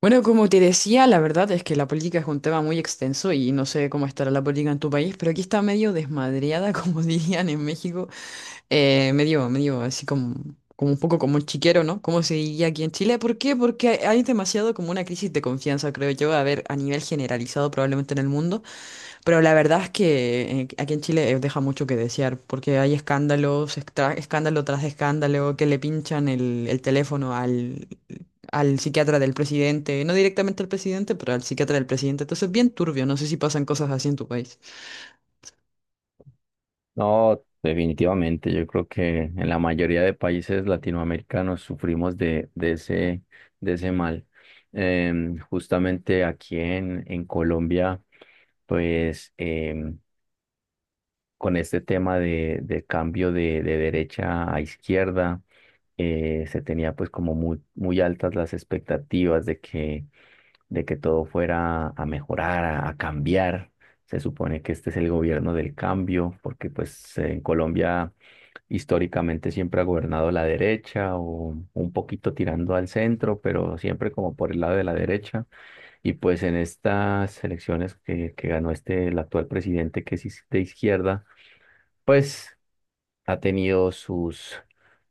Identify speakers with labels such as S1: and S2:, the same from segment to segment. S1: Bueno, como te decía, la verdad es que la política es un tema muy extenso y no sé cómo estará la política en tu país, pero aquí está medio desmadreada, como dirían en México, medio, medio así como, como un poco como chiquero, ¿no? Como se diría aquí en Chile. ¿Por qué? Porque hay demasiado como una crisis de confianza, creo yo, a ver, a nivel generalizado probablemente en el mundo. Pero la verdad es que aquí en Chile deja mucho que desear, porque hay escándalos, escándalo tras escándalo, que le pinchan el teléfono al psiquiatra del presidente, no directamente al presidente, pero al psiquiatra del presidente. Entonces, bien turbio, no sé si pasan cosas así en tu país.
S2: No, definitivamente. Yo creo que en la mayoría de países latinoamericanos sufrimos de ese, de ese mal. Justamente aquí en Colombia, pues con este tema de cambio de derecha a izquierda, se tenía pues como muy altas las expectativas de que de que todo fuera a mejorar, a cambiar. Se supone que este es el gobierno del cambio, porque pues en Colombia históricamente siempre ha gobernado la derecha o un poquito tirando al centro, pero siempre como por el lado de la derecha. Y pues en estas elecciones que ganó este, el actual presidente que es de izquierda, pues ha tenido sus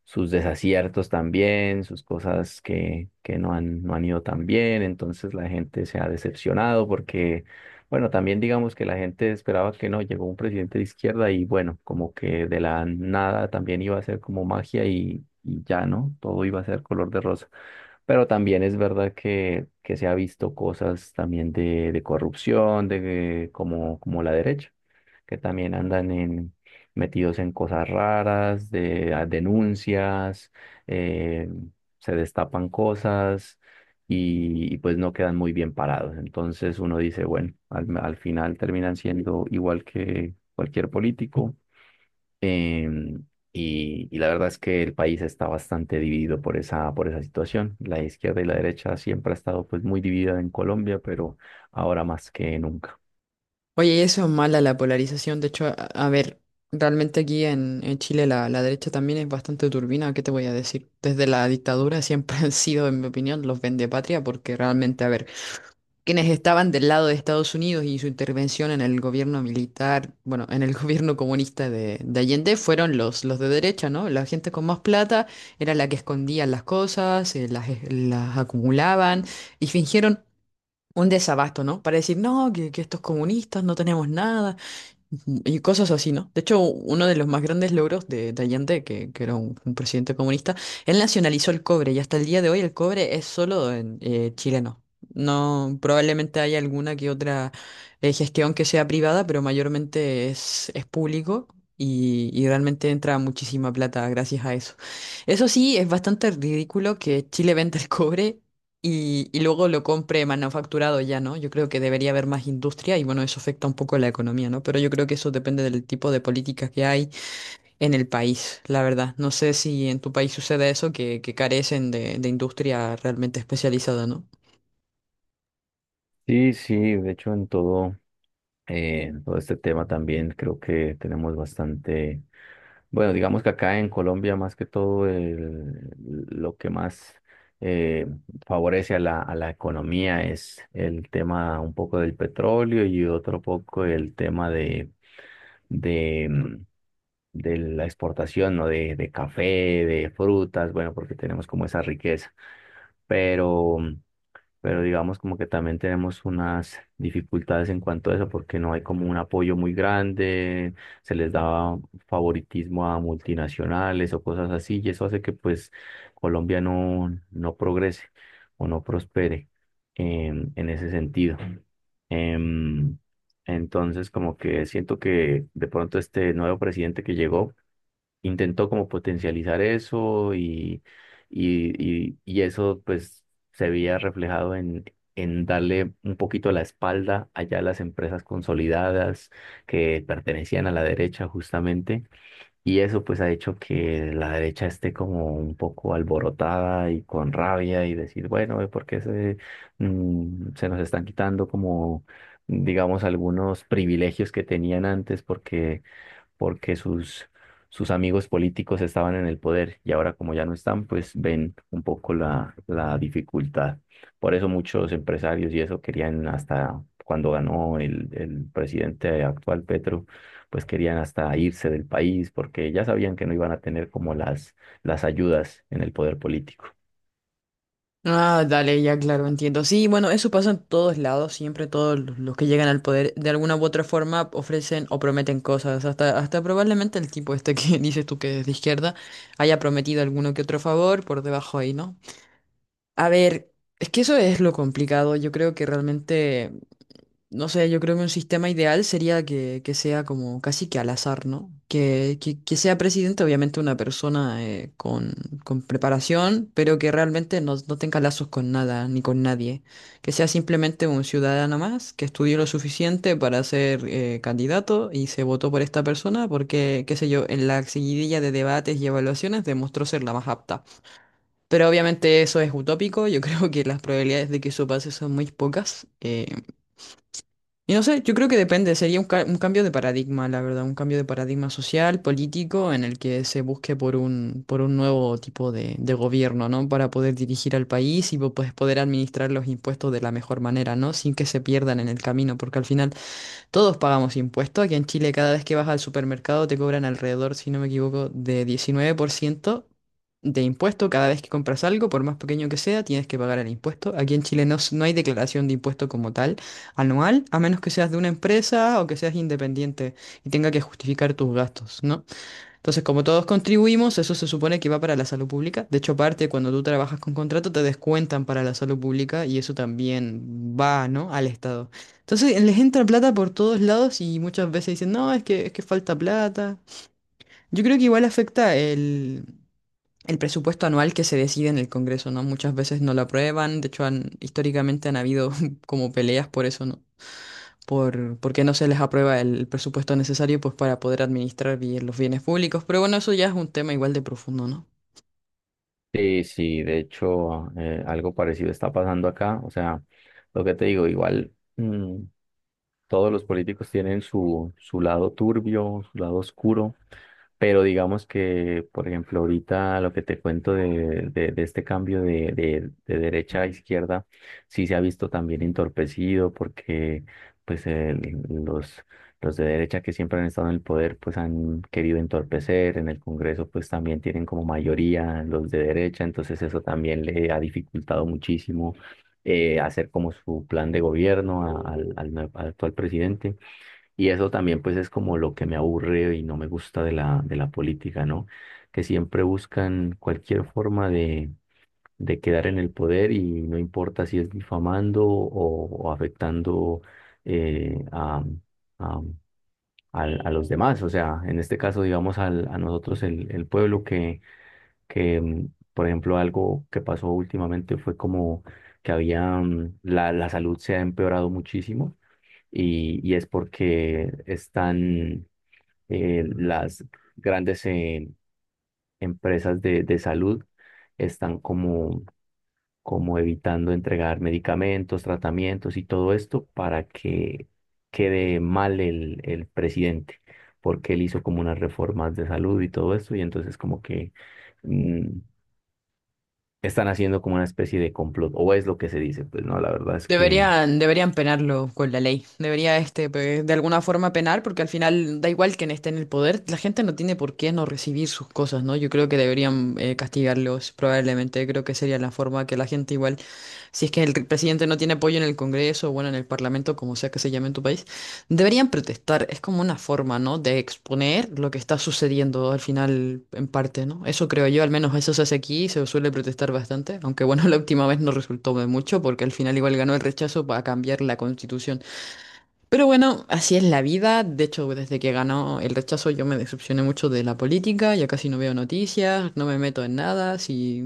S2: sus desaciertos también, sus cosas que no han, no han ido tan bien, entonces la gente se ha decepcionado porque, bueno, también digamos que la gente esperaba que no, llegó un presidente de izquierda y bueno, como que de la nada también iba a ser como magia y ya, ¿no? Todo iba a ser color de rosa. Pero también es verdad que se ha visto cosas también de corrupción, de, como, como la derecha que también andan en, metidos en cosas raras, de a denuncias, eh, se destapan cosas y pues no quedan muy bien parados. Entonces uno dice, bueno, al final terminan siendo igual que cualquier político. em, y la verdad es que el país está bastante dividido por esa situación. La izquierda y la derecha siempre ha estado pues muy dividida en Colombia, pero ahora más que nunca.
S1: Oye, y eso es mala la polarización. De hecho, a ver, realmente aquí en Chile la derecha también es bastante turbina, ¿qué te voy a decir? Desde la dictadura siempre han sido, en mi opinión, los patria porque realmente, a ver, quienes estaban del lado de Estados Unidos y su intervención en el gobierno militar, bueno, en el gobierno comunista de Allende, fueron los de derecha, ¿no? La gente con más plata era la que escondía las cosas, las acumulaban y fingieron un desabasto, ¿no? Para decir, no, que estos comunistas no tenemos nada. Ujú, y cosas así, ¿no? De hecho, uno de los más grandes logros de Allende, que era un presidente comunista, él nacionalizó el cobre y hasta el día de hoy el cobre es solo en, chileno. No, probablemente haya alguna que otra gestión que sea privada, pero mayormente es público y realmente entra muchísima plata gracias a eso. Eso sí, es bastante ridículo que Chile venda el cobre y luego lo compre manufacturado ya, ¿no? Yo creo que debería haber más industria y bueno, eso afecta un poco la economía, ¿no? Pero yo creo que eso depende del tipo de políticas que hay en el país, la verdad. No sé si en tu país sucede eso, que carecen de industria realmente especializada, ¿no?
S2: Sí, sí, de hecho en todo. En todo este tema también creo que tenemos bastante, bueno, digamos que acá en Colombia más que todo el- lo que más eh, favorece a la economía es el tema un poco del petróleo y otro poco el tema de de de la exportación, ¿no? De café, de frutas, bueno, porque tenemos como esa riqueza. Pero pero digamos como que también tenemos unas dificultades en cuanto a eso, porque no hay como un apoyo muy grande, se les daba favoritismo a multinacionales o cosas así, y eso hace que pues Colombia no, no progrese o no prospere en ese sentido. Em, entonces como que siento que de pronto este nuevo presidente que llegó, intentó como potencializar eso y y eso pues se veía reflejado en darle un poquito la espalda allá a las empresas consolidadas que pertenecían a la derecha justamente y eso pues ha hecho que la derecha esté como un poco alborotada y con rabia y decir bueno, ¿por qué se, se nos están quitando como digamos algunos privilegios que tenían antes porque porque sus sus amigos políticos estaban en el poder y ahora como ya no están, pues ven un poco la, la dificultad. Por eso muchos empresarios y eso querían hasta cuando ganó el presidente actual Petro, pues querían hasta irse del país porque ya sabían que no iban a tener como las ayudas en el poder político.
S1: Ah, dale, ya claro, entiendo. Sí, bueno, eso pasa en todos lados, siempre todos los que llegan al poder de alguna u otra forma ofrecen o prometen cosas, hasta, hasta probablemente el tipo este que dices tú que es de izquierda haya prometido alguno que otro favor por debajo ahí, ¿no? A ver, es que eso es lo complicado. Yo creo que realmente, no sé, yo creo que un sistema ideal sería que sea como casi que al azar, ¿no? Que sea presidente, obviamente, una persona con preparación, pero que realmente no, no tenga lazos con nada ni con nadie. Que sea simplemente un ciudadano más que estudió lo suficiente para ser candidato y se votó por esta persona porque, qué sé yo, en la seguidilla de debates y evaluaciones demostró ser la más apta. Pero obviamente eso es utópico, yo creo que las probabilidades de que eso pase son muy pocas. Y no sé, yo creo que depende, sería un, un cambio de paradigma, la verdad, un cambio de paradigma social, político, en el que se busque por un nuevo tipo de gobierno, ¿no? Para poder dirigir al país y pues, poder administrar los impuestos de la mejor manera, ¿no? Sin que se pierdan en el camino, porque al final... todos pagamos impuestos. Aquí en Chile cada vez que vas al supermercado te cobran alrededor, si no me equivoco, de 19% de impuesto. Cada vez que compras algo, por más pequeño que sea, tienes que pagar el impuesto. Aquí en Chile no, no hay declaración de impuesto como tal anual, a menos que seas de una empresa o que seas independiente y tenga que justificar tus gastos, ¿no? Entonces, como todos contribuimos, eso se supone que va para la salud pública. De hecho, parte cuando tú trabajas con contrato, te descuentan para la salud pública y eso también va, ¿no? Al Estado. Entonces, les entra plata por todos lados y muchas veces dicen, no, es que falta plata. Yo creo que igual afecta el presupuesto anual que se decide en el Congreso, ¿no? Muchas veces no lo aprueban. De hecho, históricamente han habido como peleas por eso, ¿no? Por, porque no se les aprueba el presupuesto necesario pues para poder administrar bien los bienes públicos. Pero bueno, eso ya es un tema igual de profundo, ¿no?
S2: Sí, sí, de hecho, algo parecido está pasando acá. O sea, lo que te digo, igual, mm, todos los políticos tienen su, su lado turbio, su lado oscuro, pero digamos que, por ejemplo, ahorita lo que te cuento de este cambio de derecha a izquierda, sí se ha visto también entorpecido porque pues el- los de derecha que siempre han estado en el poder pues han querido entorpecer, en el Congreso pues también tienen como mayoría los de derecha, entonces eso también le ha dificultado muchísimo hacer como su plan de gobierno a- al nue- al actual presidente. Y eso también pues es como lo que me aburre y no me gusta de la política, ¿no? Que siempre buscan cualquier forma de quedar en el poder y no importa si es difamando o afectando eh, a, a, al- a los demás. O sea, en este caso, digamos, al- a nosotros, el pueblo que que, por ejemplo, algo que pasó últimamente fue como que había, la, la salud se ha empeorado muchísimo y es porque están las grandes empresas de salud están como, como evitando entregar medicamentos, tratamientos y todo esto para que quede mal el presidente, porque él hizo como unas reformas de salud y todo esto y entonces como que mm, están haciendo como una especie de complot, o es lo que se dice, pues no, la verdad es que
S1: Deberían, deberían penarlo con la ley. Debería este de alguna forma penar, porque al final da igual quién esté en el poder, la gente no tiene por qué no recibir sus cosas, ¿no? Yo creo que deberían castigarlos, probablemente. Creo que sería la forma que la gente igual, si es que el presidente no tiene apoyo en el Congreso, bueno, en el Parlamento, como sea que se llame en tu país. Deberían protestar, es como una forma, ¿no? De exponer lo que está sucediendo al final, en parte, ¿no? Eso creo yo, al menos eso se hace aquí, se suele protestar bastante, aunque bueno, la última vez no resultó de mucho porque al final igual ganó el rechazo para cambiar la constitución. Pero bueno, así es la vida. De hecho, desde que ganó el rechazo yo me decepcioné mucho de la política, ya casi no veo noticias, no me meto en nada, si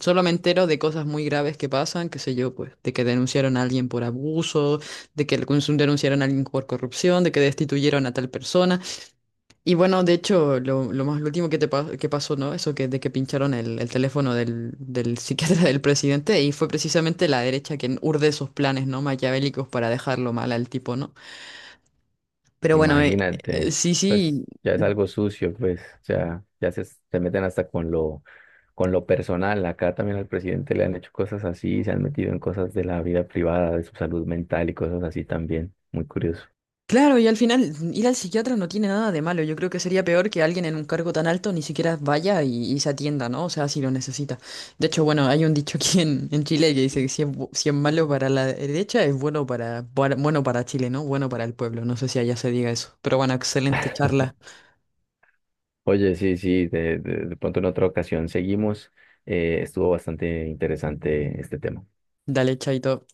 S1: solo me entero de cosas muy graves que pasan, qué sé yo, pues, de que denunciaron a alguien por abuso, de que denunciaron a alguien por corrupción, de que destituyeron a tal persona. Y bueno, de hecho, lo último que te que pasó, ¿no? Eso que de que pincharon el teléfono del psiquiatra del presidente, y fue precisamente la derecha quien urde esos planes, ¿no? Maquiavélicos para dejarlo mal al tipo, ¿no? Pero bueno,
S2: imagínate,
S1: sí,
S2: pues
S1: sí,
S2: ya es algo sucio, pues ya, ya se meten hasta con lo personal, acá también al presidente le han hecho cosas así, se han metido en cosas de la vida privada, de su salud mental y cosas así también, muy curioso.
S1: claro, y al final ir al psiquiatra no tiene nada de malo. Yo creo que sería peor que alguien en un cargo tan alto ni siquiera vaya y se atienda, ¿no? O sea, si lo necesita. De hecho, bueno, hay un dicho aquí en Chile que dice que si es, si es malo para la derecha, es bueno para, bueno para Chile, ¿no? Bueno para el pueblo. No sé si allá se diga eso. Pero bueno, excelente charla.
S2: Oye, sí, sí, de pronto en otra ocasión seguimos, estuvo bastante interesante este tema.
S1: Dale, chaito.